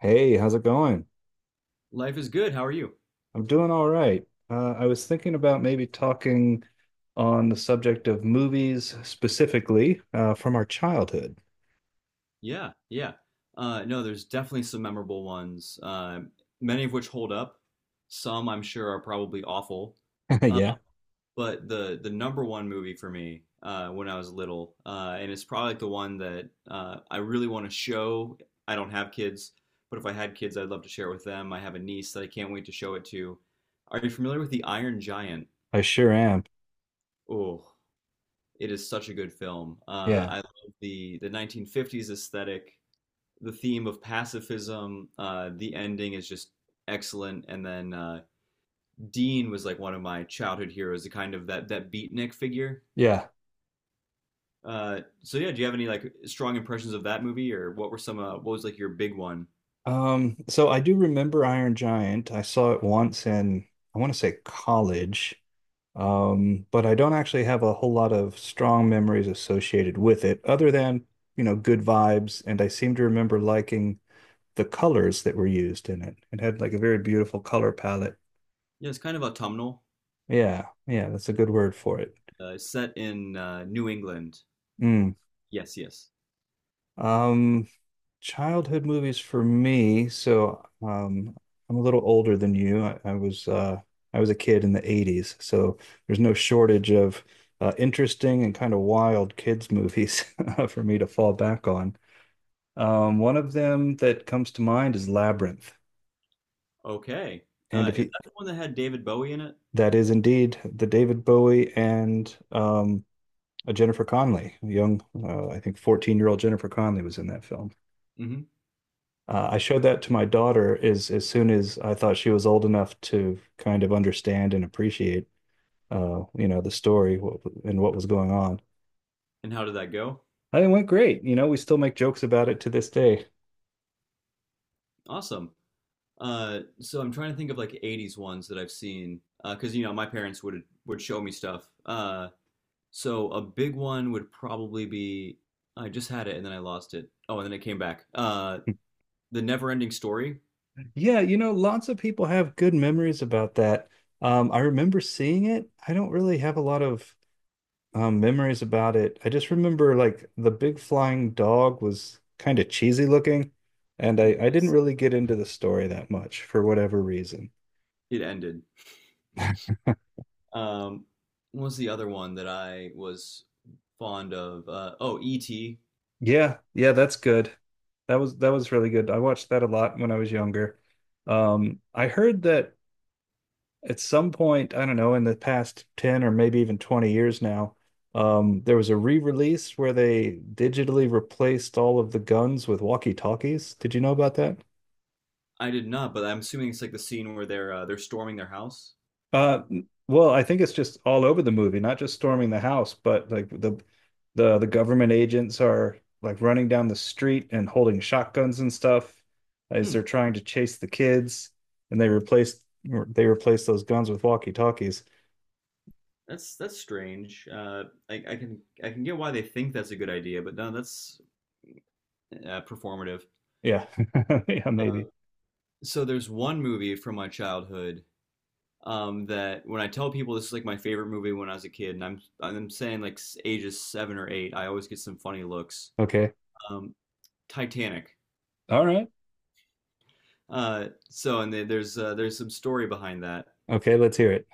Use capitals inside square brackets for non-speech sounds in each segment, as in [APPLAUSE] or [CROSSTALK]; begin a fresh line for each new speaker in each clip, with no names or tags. Hey, how's it going?
Life is good. How are you?
I'm doing all right. I was thinking about maybe talking on the subject of movies specifically from our childhood.
Yeah, yeah. No, there's definitely some memorable ones, many of which hold up. Some I'm sure are probably awful.
[LAUGHS]
Uh,
Yeah,
but the number one movie for me when I was little, and it's probably like the one that I really want to show. I don't have kids, but if I had kids, I'd love to share it with them. I have a niece that I can't wait to show it to. Are you familiar with The Iron Giant?
I sure am.
Oh, it is such a good film.
Yeah,
I love the 1950s aesthetic, the theme of pacifism. The ending is just excellent. And then Dean was like one of my childhood heroes, the kind of that beatnik figure.
yeah.
So yeah, do you have any like strong impressions of that movie, or what were some? What was like your big one?
So I do remember Iron Giant. I saw it once in, I want to say college, but I don't actually have a whole lot of strong memories associated with it, other than, good vibes. And I seem to remember liking the colors that were used in it. It had like a very beautiful color palette.
Yeah, it's kind of autumnal,
Yeah, yeah, that's a good word for it.
set in New England.
Mm.
Yes, yes.
Um, Childhood movies for me. So, I'm a little older than you. I was I was a kid in the 80s, so there's no shortage of interesting and kind of wild kids movies [LAUGHS] for me to fall back on. One of them that comes to mind is Labyrinth,
Okay.
and
Uh,
if
is
you,
that the one that had David Bowie in it?
that is indeed the David Bowie and a Jennifer Connelly, a young, I think, 14-year-old Jennifer Connelly was in that film.
Hmm.
I showed that to my daughter as soon as I thought she was old enough to kind of understand and appreciate, the story and what was going on.
And how did that go?
And it went great. You know, we still make jokes about it to this day.
Awesome. So I'm trying to think of like 80s ones that I've seen because my parents would show me stuff. So a big one would probably be I just had it and then I lost it. Oh, and then it came back. The Never-Ending Story.
Yeah, you know, lots of people have good memories about that. I remember seeing it. I don't really have a lot of memories about it. I just remember like the big flying dog was kind of cheesy looking, and I didn't
Yes.
really get into the story that much for whatever reason.
It ended. Um, what was the other one that I was fond of? Oh, E.T.
Yeah, yeah, that's good. That was really good. I watched that a lot when I was younger. I heard that at some point, I don't know, in the past 10 or maybe even 20 years now, there was a re-release where they digitally replaced all of the guns with walkie-talkies. Did you know about that?
I did not, but I'm assuming it's like the scene where they're storming their house.
Uh, well, I think it's just all over the movie, not just storming the house, but like the the government agents are like running down the street and holding shotguns and stuff as
Hmm,
they're trying to chase the kids, and they replaced those guns with walkie-talkies.
that's strange. I, I can I can get why they think that's a good idea, but no, that's performative.
Yeah, [LAUGHS] yeah,
Uh,
maybe.
so there's one movie from my childhood that when I tell people this is like my favorite movie when I was a kid, and I'm saying like ages 7 or 8, I always get some funny looks.
Okay,
Um, Titanic.
all right.
So and there's some story behind that,
Okay, let's hear it.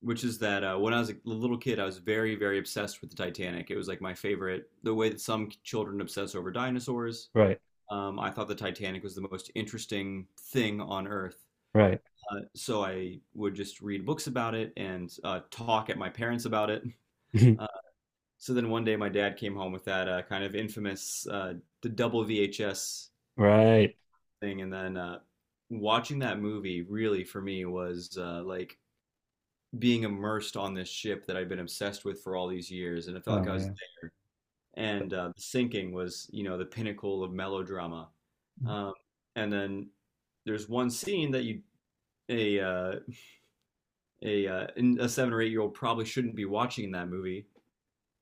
which is that when I was a little kid, I was very very obsessed with the Titanic. It was like my favorite. The way that some children obsess over dinosaurs,
Right,
I thought the Titanic was the most interesting thing on Earth.
right,
So I would just read books about it and talk at my parents about it. Uh,
[LAUGHS]
so then one day my dad came home with that kind of infamous the double VHS
right.
thing, and then watching that movie really for me was like being immersed on this ship that I'd been obsessed with for all these years, and it felt
Oh
like I was.
man.
And the sinking was, the pinnacle of melodrama. Um, and then there's one scene that you a uh, a uh, a 7 or 8 year old probably shouldn't be watching that movie,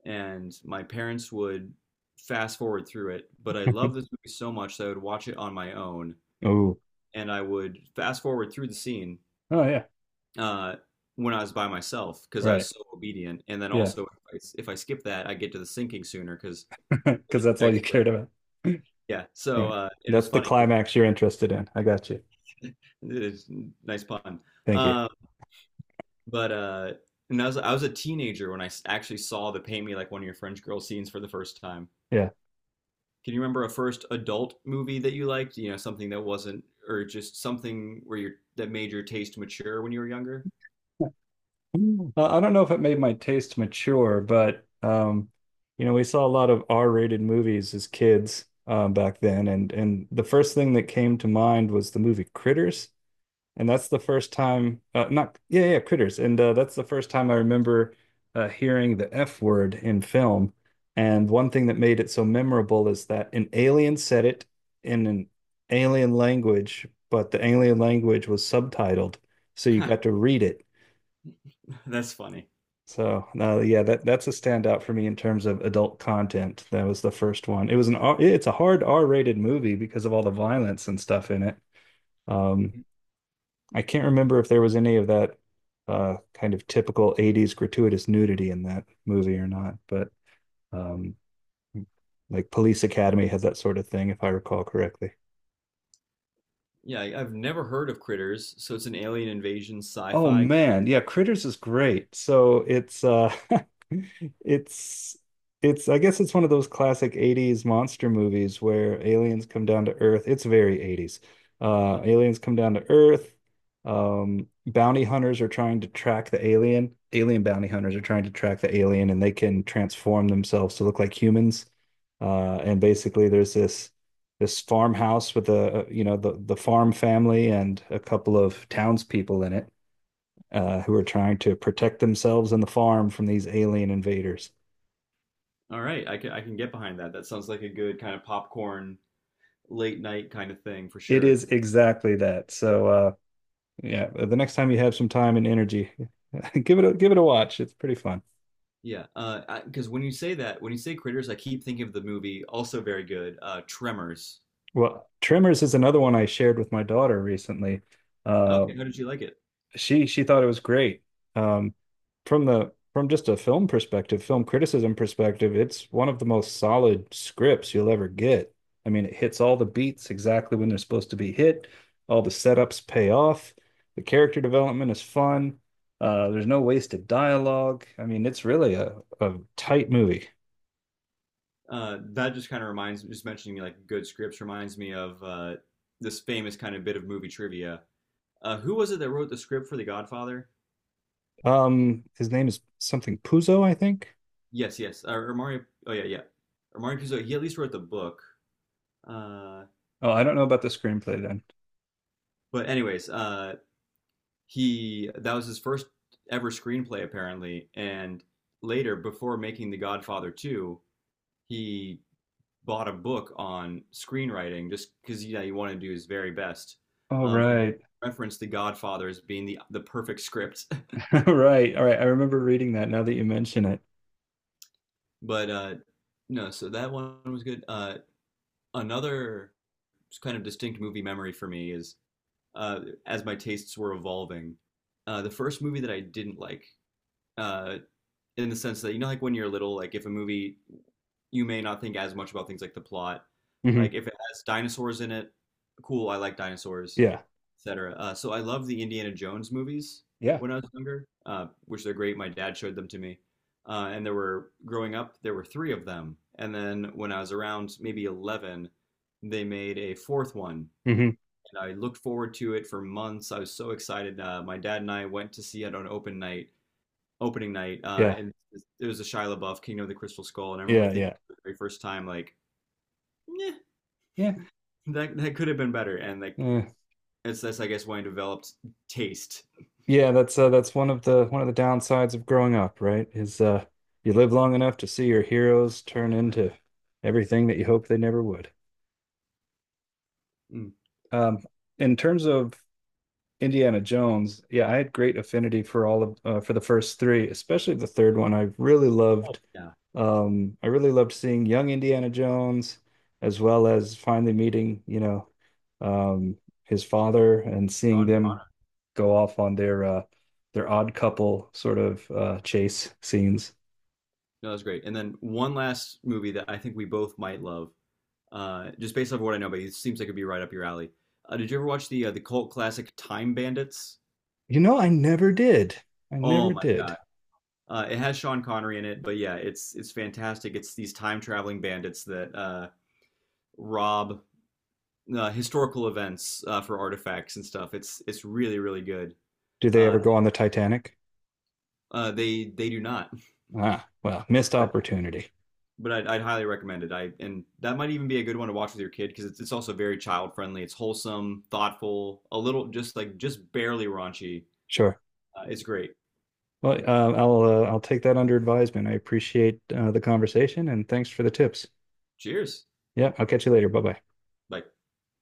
and my parents would fast forward through it. But I love
[LAUGHS]
this movie so much that I would watch it on my own,
Oh,
and I would fast forward through the scene
oh yeah.
uh, when I was by myself because I was
Right.
so obedient. And then
Yeah,
also, if I skip that, I get to the sinking sooner because
[LAUGHS]
I
because
hit
that's
the
all you
iceberg.
cared about.
Yeah, so
Right.
it was
That's the
funny.
climax you're interested in. I got you.
[LAUGHS] It is nice pun.
Thank you.
Um, But and I was a teenager when I actually saw the "Paint Me Like One of Your French Girls" scenes for the first time.
Yeah.
Can you remember a first adult movie that you liked? Something that wasn't, or just something where you that made your taste mature when you were younger?
Mm. I don't know if it made my taste mature, but you know, we saw a lot of R-rated movies as kids back then, and the first thing that came to mind was the movie Critters. And that's the first time not yeah yeah critters and that's the first time I remember hearing the F word in film, and one thing that made it so memorable is that an alien said it in an alien language, but the alien language was subtitled, so you
Ha,
got to read it.
[LAUGHS] that's funny.
So yeah, that's a standout for me in terms of adult content. That was the first one. It was an R, it's a hard R-rated movie because of all the violence and stuff in it. um I can't remember if there was any of that kind of typical 80s gratuitous nudity in that movie or not, but um, like Police Academy had that sort of thing, if I recall correctly.
Yeah, I've never heard of Critters, so it's an alien invasion
Oh
sci-fi.
man, yeah, Critters is great. So it's [LAUGHS] it's it's I guess it's one of those classic 80s monster movies where aliens come down to Earth. It's very 80s.
Mm,
Aliens come down to Earth. Bounty hunters are trying to track the alien. Alien bounty hunters are trying to track the alien, and they can transform themselves to look like humans. And basically there's this farmhouse with a, you know, the farm family and a couple of townspeople in it, who are trying to protect themselves and the farm from these alien invaders.
all right, I can get behind that. That sounds like a good kind of popcorn late night kind of thing for
It
sure.
is exactly that. So yeah, the next time you have some time and energy, [LAUGHS] give it a watch. It's pretty fun.
Yeah, because when you say Critters, I keep thinking of the movie, also very good, Tremors.
Well, Tremors is another one I shared with my daughter recently. Uh,
Okay, how did you like it?
she thought it was great. Um, from the from just a film perspective, film criticism perspective, it's one of the most solid scripts you'll ever get. I mean, it hits all the beats exactly when they're supposed to be hit. All the setups pay off. The character development is fun. There's no wasted dialogue. I mean, it's really a tight movie.
That just kind of reminds me, just mentioning like good scripts reminds me of this famous kind of bit of movie trivia. Who was it that wrote the script for The Godfather?
His name is something Puzo, I think.
Yes, yes, or Mario. Oh yeah, yeah, or Mario Puzo. He at least wrote the book. Uh,
Oh, I don't know about the screenplay then.
but anyways, he that was his first ever screenplay apparently, and later, before making The Godfather 2, he bought a book on screenwriting just because you want to do his very best.
All
And they
right.
referenced The Godfather as being the perfect script,
[LAUGHS] All right. All right. I remember reading that now that you mention it.
[LAUGHS] but no, so that one was good. Another kind of distinct movie memory for me is uh, as my tastes were evolving. The first movie that I didn't like, uh, in the sense that like when you're little, like if a movie you may not think as much about things like the plot.
Mhm.
Like if it has dinosaurs in it, cool, I like dinosaurs,
Yeah.
etc. So I love the Indiana Jones movies
Yeah.
when I was younger, which they're great. My dad showed them to me, and there were growing up there were three of them, and then when I was around maybe 11, they made a fourth one.
Hmm.
And I looked forward to it for months. I was so excited. My dad and I went to see it on opening night,
Yeah.
and it was a Shia LaBeouf Kingdom of the Crystal Skull, and I remember
Yeah.
thinking
Yeah.
for the very first time like, yeah,
Yeah.
that could have been better, and like
Yeah.
it's that's I guess why I developed taste.
Yeah. That's one of the downsides of growing up, right? Is you live long enough to see your heroes turn into everything that you hope they never would.
Mm.
Um, in terms of Indiana Jones, yeah, I had great affinity for all of for the first three, especially the third one. I really
Oh,
loved.
yeah.
I really loved seeing young Indiana Jones, as well as finally meeting, you know, um, his father, and seeing
Sean Connery.
them go off on their odd couple sort of chase scenes.
No, that was great. And then one last movie that I think we both might love, just based off of what I know, but it seems like it'd be right up your alley. Did you ever watch the the cult classic Time Bandits?
You know, I never did. I
Oh
never
my god.
did.
It has Sean Connery in it, but yeah, it's fantastic. It's these time traveling bandits that rob historical events for artifacts and stuff. It's really really good.
Do they
Uh,
ever go on the Titanic?
they do not,
Ah, well, missed
but
opportunity.
but I'd highly recommend it. I And that might even be a good one to watch with your kid because it's also very child friendly. It's wholesome, thoughtful, a little just like just barely raunchy.
Sure.
It's great.
Well, I'll take that under advisement. I appreciate the conversation, and thanks for the tips.
Cheers.
Yeah, I'll catch you later. Bye bye.
Bye.